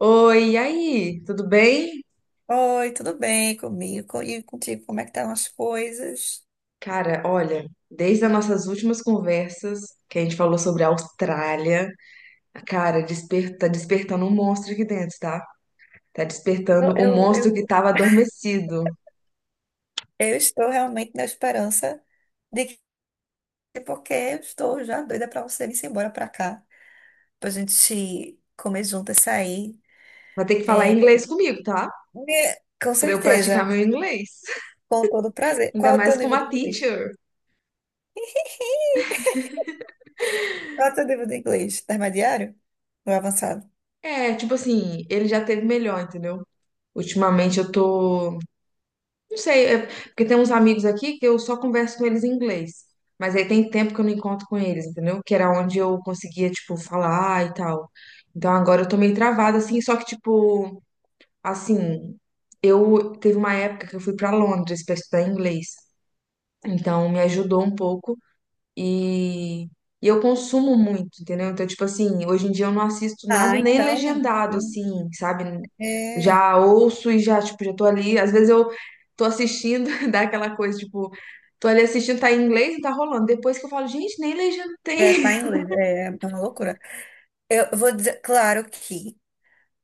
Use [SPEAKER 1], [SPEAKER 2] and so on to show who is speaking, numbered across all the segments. [SPEAKER 1] Oi, e aí? Tudo bem?
[SPEAKER 2] Oi, tudo bem comigo, e contigo? Como é que estão as coisas?
[SPEAKER 1] Cara, olha, desde as nossas últimas conversas, que a gente falou sobre a Austrália, cara, tá despertando um monstro aqui dentro, tá? Tá
[SPEAKER 2] Eu,
[SPEAKER 1] despertando um
[SPEAKER 2] eu,
[SPEAKER 1] monstro que
[SPEAKER 2] eu,
[SPEAKER 1] tava adormecido.
[SPEAKER 2] eu estou realmente na esperança de que, porque eu estou já doida para você vir embora para cá, para a gente comer juntas, sair.
[SPEAKER 1] Vai ter que falar
[SPEAKER 2] É,
[SPEAKER 1] inglês comigo, tá?
[SPEAKER 2] né? Com
[SPEAKER 1] Pra eu
[SPEAKER 2] certeza,
[SPEAKER 1] praticar meu inglês.
[SPEAKER 2] com todo prazer.
[SPEAKER 1] Ainda
[SPEAKER 2] Qual é o
[SPEAKER 1] mais
[SPEAKER 2] teu
[SPEAKER 1] com
[SPEAKER 2] nível
[SPEAKER 1] uma
[SPEAKER 2] de inglês?
[SPEAKER 1] teacher.
[SPEAKER 2] Qual é o teu nível de inglês? Intermediário ou avançado?
[SPEAKER 1] É, tipo assim, ele já teve melhor, entendeu? Ultimamente eu tô. Não sei, porque tem uns amigos aqui que eu só converso com eles em inglês. Mas aí tem tempo que eu não encontro com eles, entendeu? Que era onde eu conseguia, tipo, falar e tal. Então agora eu tô meio travada, assim, só que, tipo, assim, eu teve uma época que eu fui pra Londres pra estudar inglês. Então me ajudou um pouco e eu consumo muito, entendeu? Então, tipo assim, hoje em dia eu não assisto
[SPEAKER 2] Ah,
[SPEAKER 1] nada nem
[SPEAKER 2] então,
[SPEAKER 1] legendado, assim, sabe?
[SPEAKER 2] é,
[SPEAKER 1] Já ouço e já, tipo, já tô ali. Às vezes eu tô assistindo, dá aquela coisa, tipo, tô ali assistindo, tá em inglês e tá rolando. Depois que eu falo, gente, nem legenda
[SPEAKER 2] é,
[SPEAKER 1] tem.
[SPEAKER 2] tá em inglês, é uma loucura. Eu vou dizer, claro que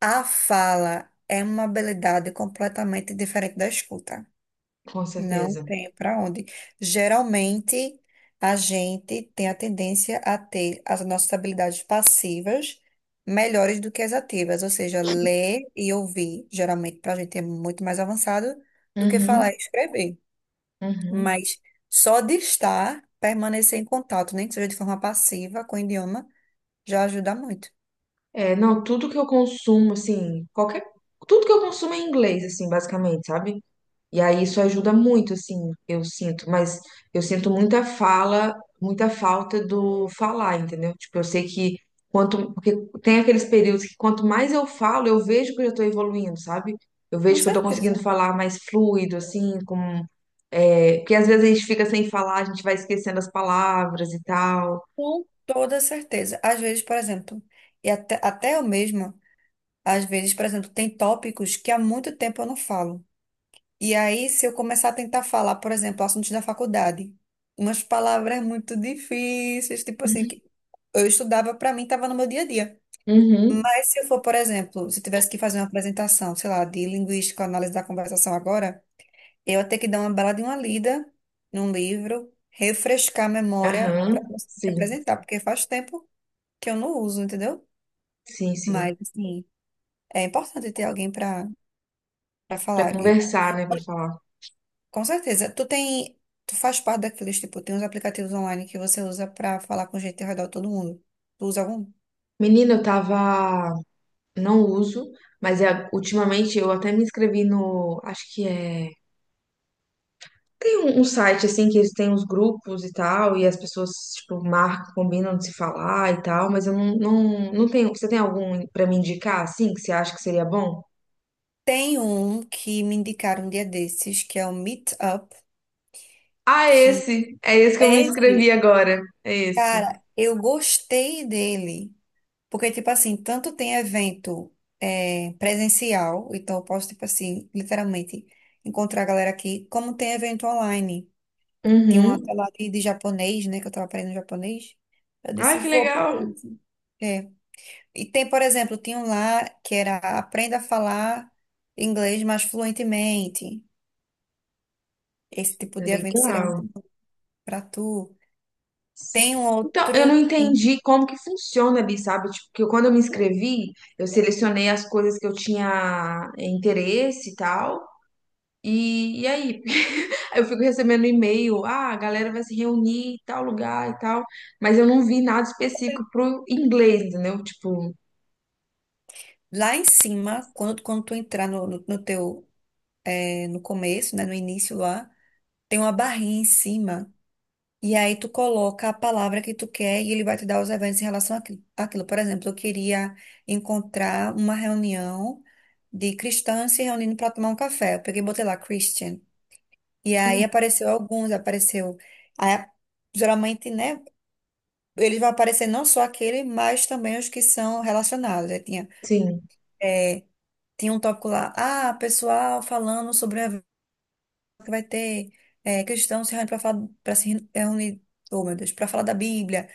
[SPEAKER 2] a fala é uma habilidade completamente diferente da escuta.
[SPEAKER 1] Com
[SPEAKER 2] Não
[SPEAKER 1] certeza.
[SPEAKER 2] tem para onde. Geralmente, a gente tem a tendência a ter as nossas habilidades passivas melhores do que as ativas, ou seja, ler e ouvir, geralmente, para a gente é muito mais avançado do que
[SPEAKER 1] Uhum,
[SPEAKER 2] falar e escrever.
[SPEAKER 1] uhum.
[SPEAKER 2] Mas só de estar, permanecer em contato, nem que seja de forma passiva com o idioma, já ajuda muito.
[SPEAKER 1] É, não, tudo que eu consumo, assim, qualquer. Tudo que eu consumo é em inglês, assim, basicamente, sabe? E aí isso ajuda muito, assim, eu sinto, mas eu sinto muita fala, muita falta do falar, entendeu? Tipo, eu sei que quanto, porque tem aqueles períodos que quanto mais eu falo, eu vejo que eu já tô evoluindo, sabe? Eu
[SPEAKER 2] Com
[SPEAKER 1] vejo que eu tô conseguindo
[SPEAKER 2] certeza.
[SPEAKER 1] falar mais fluido, assim, com, porque às vezes a gente fica sem falar, a gente vai esquecendo as palavras e tal.
[SPEAKER 2] Com toda certeza. Às vezes, por exemplo, e até eu mesma, às vezes, por exemplo, tem tópicos que há muito tempo eu não falo. E aí, se eu começar a tentar falar, por exemplo, assuntos da faculdade, umas palavras muito difíceis, tipo assim, que eu estudava, para mim, estava no meu dia a dia.
[SPEAKER 1] Uhum,
[SPEAKER 2] Mas se eu for, por exemplo, se eu tivesse que fazer uma apresentação, sei lá, de linguística, análise da conversação agora, eu ia ter que dar uma bela de uma lida num livro, refrescar a memória
[SPEAKER 1] aham,
[SPEAKER 2] para conseguir
[SPEAKER 1] sim,
[SPEAKER 2] apresentar, porque faz tempo que eu não uso, entendeu?
[SPEAKER 1] sim, sim.
[SPEAKER 2] Mas, assim, é importante ter alguém pra
[SPEAKER 1] Pra
[SPEAKER 2] falar. E,
[SPEAKER 1] conversar, né, pra falar.
[SPEAKER 2] com certeza, tu faz parte daqueles, tipo, tem uns aplicativos online que você usa pra falar com gente ao redor de todo mundo. Tu usa algum?
[SPEAKER 1] Menina, eu tava não uso, mas ultimamente eu até me inscrevi no, acho que é, tem um site assim que eles têm os grupos e tal, e as pessoas tipo marcam, combinam de se falar e tal, mas eu não tenho, você tem algum pra me indicar assim que você acha que seria bom?
[SPEAKER 2] Tem um que me indicaram um dia desses, que é o Meetup,
[SPEAKER 1] Ah,
[SPEAKER 2] que
[SPEAKER 1] é esse que eu me
[SPEAKER 2] é esse,
[SPEAKER 1] inscrevi agora, é esse.
[SPEAKER 2] cara, eu gostei dele. Porque, tipo assim, tanto tem evento presencial, então eu posso, tipo assim, literalmente encontrar a galera aqui, como tem evento online. Tinha uma
[SPEAKER 1] Uhum.
[SPEAKER 2] tela ali de japonês, né? Que eu tava aprendendo japonês. Eu
[SPEAKER 1] Ai,
[SPEAKER 2] disse,
[SPEAKER 1] que
[SPEAKER 2] vou pra
[SPEAKER 1] legal.
[SPEAKER 2] isso. É. E tem, por exemplo, tinha um lá que era aprenda a falar inglês mais fluentemente. Esse tipo
[SPEAKER 1] É
[SPEAKER 2] de evento seria
[SPEAKER 1] legal.
[SPEAKER 2] muito bom pra tu. Tem um
[SPEAKER 1] Então, eu não
[SPEAKER 2] outro
[SPEAKER 1] entendi como que funciona ali, sabe? Tipo, quando eu me inscrevi, eu selecionei as coisas que eu tinha interesse e tal. E aí? Eu fico recebendo e-mail, ah, a galera vai se reunir em tal lugar e tal, mas eu não vi nada específico pro inglês, entendeu? Tipo,
[SPEAKER 2] lá em cima, quando tu entrar no teu, no começo, né? No início lá, tem uma barrinha em cima. E aí tu coloca a palavra que tu quer e ele vai te dar os eventos em relação àquilo. Por exemplo, eu queria encontrar uma reunião de cristãs se reunindo para tomar um café. Eu peguei e botei lá Christian. E aí apareceu alguns, apareceu. Aí, geralmente, né? Eles vão aparecer não só aquele, mas também os que são relacionados. Aí tinha,
[SPEAKER 1] sim,
[SPEAKER 2] é, tinha um tópico lá, ah, pessoal falando sobre o evento que vai ter, cristãos se reunindo para se reunir, oh meu Deus, para falar da Bíblia.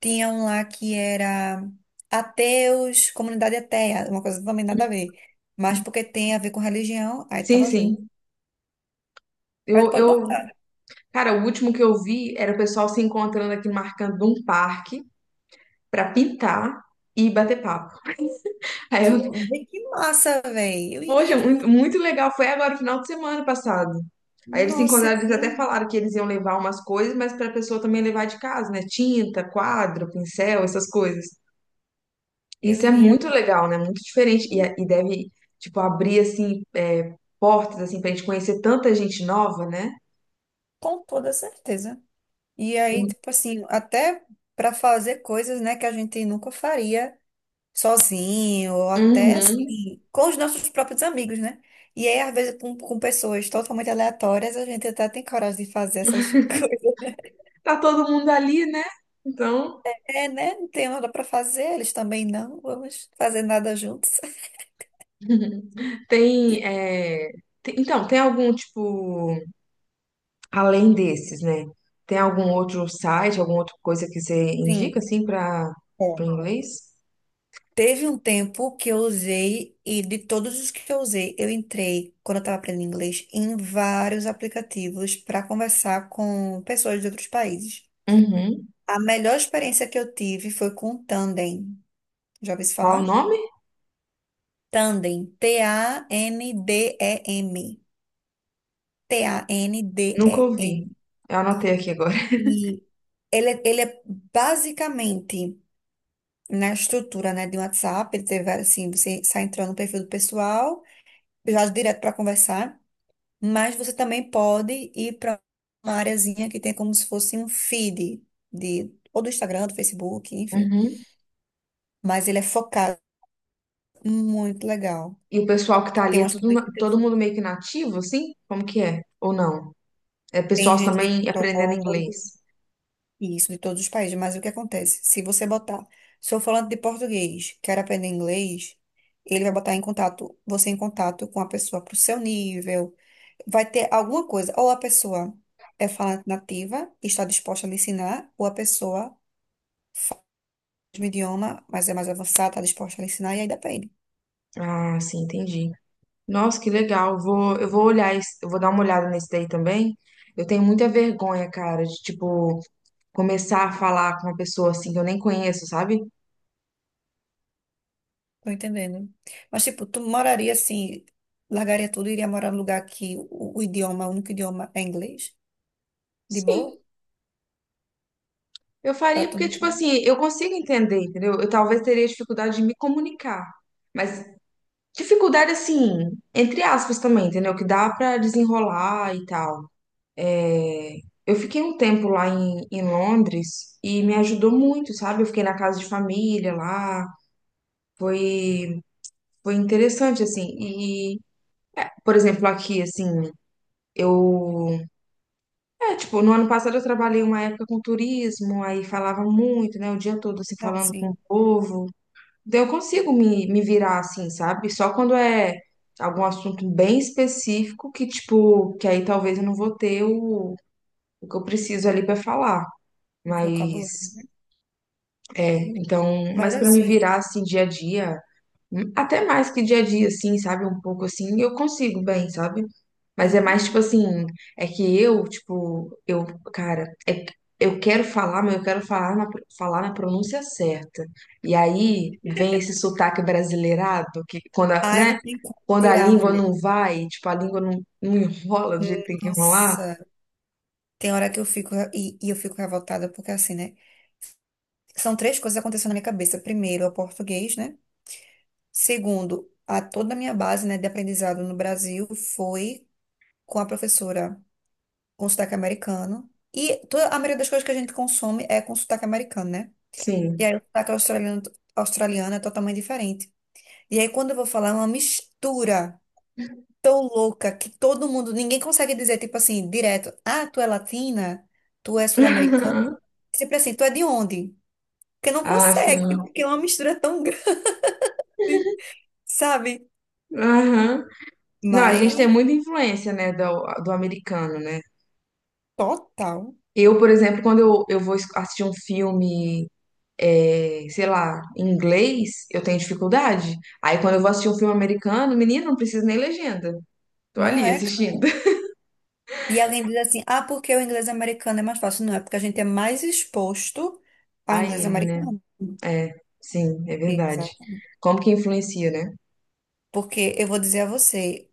[SPEAKER 2] Tinha um lá que era ateus, comunidade ateia, uma coisa também nada a ver. Mas porque tem a ver com religião, aí
[SPEAKER 1] sim,
[SPEAKER 2] tava junto.
[SPEAKER 1] sim.
[SPEAKER 2] Aí tu
[SPEAKER 1] Eu,
[SPEAKER 2] pode
[SPEAKER 1] eu,
[SPEAKER 2] botar.
[SPEAKER 1] cara, o último que eu vi era o pessoal se encontrando aqui, marcando um parque pra pintar e bater papo. Aí
[SPEAKER 2] Que,
[SPEAKER 1] eu,
[SPEAKER 2] vê que massa, velho. Eu
[SPEAKER 1] poxa,
[SPEAKER 2] iria
[SPEAKER 1] muito,
[SPEAKER 2] muito.
[SPEAKER 1] muito legal. Foi agora, no final de semana passado. Aí eles se
[SPEAKER 2] Nossa, eu
[SPEAKER 1] encontraram, eles
[SPEAKER 2] iria
[SPEAKER 1] até
[SPEAKER 2] muito.
[SPEAKER 1] falaram que eles iam levar umas coisas, mas pra pessoa também levar de casa, né? Tinta, quadro, pincel, essas coisas.
[SPEAKER 2] Eu
[SPEAKER 1] Isso é
[SPEAKER 2] iria
[SPEAKER 1] muito legal, né? Muito diferente. E,
[SPEAKER 2] muito,
[SPEAKER 1] e deve, tipo, abrir, assim, é, portas, assim, pra gente conhecer tanta gente nova, né?
[SPEAKER 2] com toda certeza. E aí, tipo assim, até pra fazer coisas, né, que a gente nunca faria, sozinho, ou até
[SPEAKER 1] Uhum.
[SPEAKER 2] assim, com os nossos próprios amigos, né? E aí, às vezes, com pessoas totalmente aleatórias, a gente até tem coragem de fazer essas coisas, né?
[SPEAKER 1] Tá todo mundo ali, né? Então,
[SPEAKER 2] É, né? Não tem nada para fazer, eles também não, vamos fazer nada juntos.
[SPEAKER 1] tem, é, tem algum, tipo, além desses, né? Tem algum outro site, alguma outra coisa que você indica,
[SPEAKER 2] Sim.
[SPEAKER 1] assim, pra, pro
[SPEAKER 2] É.
[SPEAKER 1] inglês?
[SPEAKER 2] Teve um tempo que eu usei, e de todos os que eu usei, eu entrei, quando eu estava aprendendo inglês, em vários aplicativos para conversar com pessoas de outros países.
[SPEAKER 1] Uhum.
[SPEAKER 2] A melhor experiência que eu tive foi com o Tandem. Já ouviu se
[SPEAKER 1] Qual o
[SPEAKER 2] falar?
[SPEAKER 1] nome?
[SPEAKER 2] Tandem. Tandem. T-A-N-D-E-M. E M. T A N D
[SPEAKER 1] Nunca
[SPEAKER 2] E
[SPEAKER 1] ouvi.
[SPEAKER 2] M.
[SPEAKER 1] Eu anotei aqui agora.
[SPEAKER 2] E ele é basicamente na estrutura, né, de um WhatsApp. Ele tem vários, assim, você sai entrando no perfil do pessoal, já direto para conversar. Mas você também pode ir para uma areazinha que tem como se fosse um feed de, ou do Instagram, do Facebook, enfim.
[SPEAKER 1] Uhum.
[SPEAKER 2] Mas ele é focado, muito legal.
[SPEAKER 1] E o pessoal que
[SPEAKER 2] E
[SPEAKER 1] tá ali
[SPEAKER 2] tem
[SPEAKER 1] é
[SPEAKER 2] umas
[SPEAKER 1] tudo,
[SPEAKER 2] políticas,
[SPEAKER 1] todo mundo meio que nativo, assim? Como que é? Ou não? É
[SPEAKER 2] tem
[SPEAKER 1] pessoal
[SPEAKER 2] gente de
[SPEAKER 1] também
[SPEAKER 2] todo
[SPEAKER 1] aprendendo inglês.
[SPEAKER 2] Isso, de todos os países. Mas o que acontece? Se você botar, sou falante de português, quero aprender inglês, ele vai botar em contato, você em contato com a pessoa pro seu nível. Vai ter alguma coisa. Ou a pessoa é falante nativa, está disposta a lhe ensinar, ou a pessoa fala o mesmo idioma, mas é mais avançada, está disposta a lhe ensinar, e aí depende.
[SPEAKER 1] Ah, sim, entendi. Nossa, que legal. Eu vou olhar, eu vou dar uma olhada nesse daí também. Eu tenho muita vergonha, cara, de tipo começar a falar com uma pessoa assim que eu nem conheço, sabe?
[SPEAKER 2] Tô entendendo. Mas, tipo, tu moraria assim, largaria tudo e iria morar num lugar que o idioma, o único idioma é inglês? De
[SPEAKER 1] Sim,
[SPEAKER 2] boa?
[SPEAKER 1] eu
[SPEAKER 2] Pra
[SPEAKER 1] faria
[SPEAKER 2] tu
[SPEAKER 1] porque
[SPEAKER 2] não,
[SPEAKER 1] tipo assim, eu consigo entender, entendeu? Eu talvez teria dificuldade de me comunicar, mas dificuldade assim, entre aspas também, entendeu? Que dá pra desenrolar e tal. Eu fiquei um tempo lá em Londres e me ajudou muito, sabe? Eu fiquei na casa de família lá, foi, foi interessante, assim. E, por exemplo, aqui, assim, eu. É, tipo, no ano passado eu trabalhei uma época com turismo, aí falava muito, né? O dia todo, assim,
[SPEAKER 2] não,
[SPEAKER 1] falando com o
[SPEAKER 2] sim,
[SPEAKER 1] povo. Então eu consigo me virar, assim, sabe? Só quando é algum assunto bem específico que, tipo, que aí talvez eu não vou ter o que eu preciso ali pra falar. Mas
[SPEAKER 2] vocabulário, né?
[SPEAKER 1] é, então,
[SPEAKER 2] Mas
[SPEAKER 1] mas pra me
[SPEAKER 2] assim,
[SPEAKER 1] virar assim dia a dia, até mais que dia a dia, assim, sabe? Um pouco assim, eu consigo bem, sabe? Mas é
[SPEAKER 2] uhum.
[SPEAKER 1] mais tipo assim, é que eu, tipo, eu, cara, é que eu quero falar, mas eu quero falar na pronúncia certa. E aí vem esse sotaque brasileirado, que quando,
[SPEAKER 2] Ai, não
[SPEAKER 1] né?
[SPEAKER 2] tem como
[SPEAKER 1] Quando a
[SPEAKER 2] tirar,
[SPEAKER 1] língua
[SPEAKER 2] mulher.
[SPEAKER 1] não vai, tipo, a língua não enrola do jeito que tem que enrolar.
[SPEAKER 2] Nossa, tem hora que eu fico e eu fico revoltada, porque assim, né? São três coisas acontecendo na minha cabeça. Primeiro, é o português, né? Segundo, a toda a minha base, né, de aprendizado no Brasil foi com a professora, com sotaque americano. E toda, a maioria das coisas que a gente consome é com sotaque americano, né? E
[SPEAKER 1] Sim.
[SPEAKER 2] aí o sotaque australiano, australiano é totalmente diferente. E aí quando eu vou falar, é uma mistura tão louca que todo mundo, ninguém consegue dizer, tipo assim, direto, ah, tu é latina? Tu é sul-americana? É sempre assim, tu é de onde? Porque não
[SPEAKER 1] Ah,
[SPEAKER 2] consegue,
[SPEAKER 1] sim.
[SPEAKER 2] porque é uma mistura tão grande, sabe?
[SPEAKER 1] Aham. Não, a gente tem
[SPEAKER 2] Mas
[SPEAKER 1] muita influência, né, do americano, né?
[SPEAKER 2] total,
[SPEAKER 1] Eu, por exemplo, quando eu vou assistir um filme, é, sei lá, em inglês, eu tenho dificuldade. Aí quando eu vou assistir um filme americano, menino, não precisa nem legenda. Tô
[SPEAKER 2] não
[SPEAKER 1] ali
[SPEAKER 2] é.
[SPEAKER 1] assistindo.
[SPEAKER 2] E alguém diz assim, ah, porque o inglês americano é mais fácil. Não, é porque a gente é mais exposto ao
[SPEAKER 1] A
[SPEAKER 2] inglês
[SPEAKER 1] ele, né?
[SPEAKER 2] americano.
[SPEAKER 1] É, sim, é verdade.
[SPEAKER 2] Exato.
[SPEAKER 1] Como que influencia, né?
[SPEAKER 2] Porque eu vou dizer a você,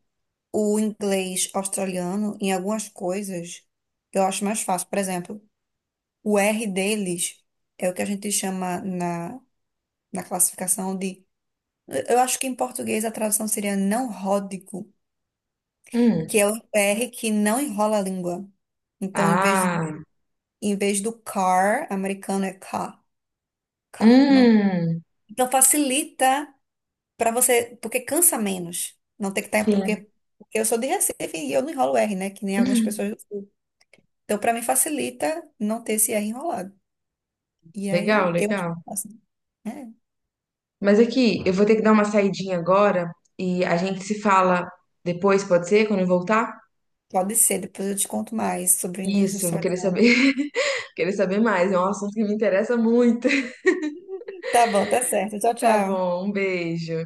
[SPEAKER 2] o inglês australiano, em algumas coisas, eu acho mais fácil. Por exemplo, o R deles é o que a gente chama na, classificação de. Eu acho que em português a tradução seria não ródico, que
[SPEAKER 1] Hum.
[SPEAKER 2] é o R que não enrola a língua. Então,
[SPEAKER 1] Ah,
[SPEAKER 2] em vez do car, americano é car, car, não.
[SPEAKER 1] hum.
[SPEAKER 2] Então facilita para você, porque cansa menos. Não tem que estar,
[SPEAKER 1] Sim.
[SPEAKER 2] porque eu sou de Recife e eu não enrolo R, né? Que nem algumas pessoas do Sul. Então, para mim, facilita não ter esse R enrolado. E
[SPEAKER 1] Legal,
[SPEAKER 2] aí, eu acho
[SPEAKER 1] legal.
[SPEAKER 2] muito fácil. É,
[SPEAKER 1] Mas aqui, eu vou ter que dar uma saidinha agora e a gente se fala depois, pode ser? Quando eu voltar?
[SPEAKER 2] pode ser, depois eu te conto mais sobre o inglês
[SPEAKER 1] Isso, eu vou querer saber,
[SPEAKER 2] australiano.
[SPEAKER 1] querer saber mais. É um assunto que me interessa muito.
[SPEAKER 2] Tá bom, tá certo. Tchau,
[SPEAKER 1] Tá
[SPEAKER 2] tchau.
[SPEAKER 1] bom, um beijo.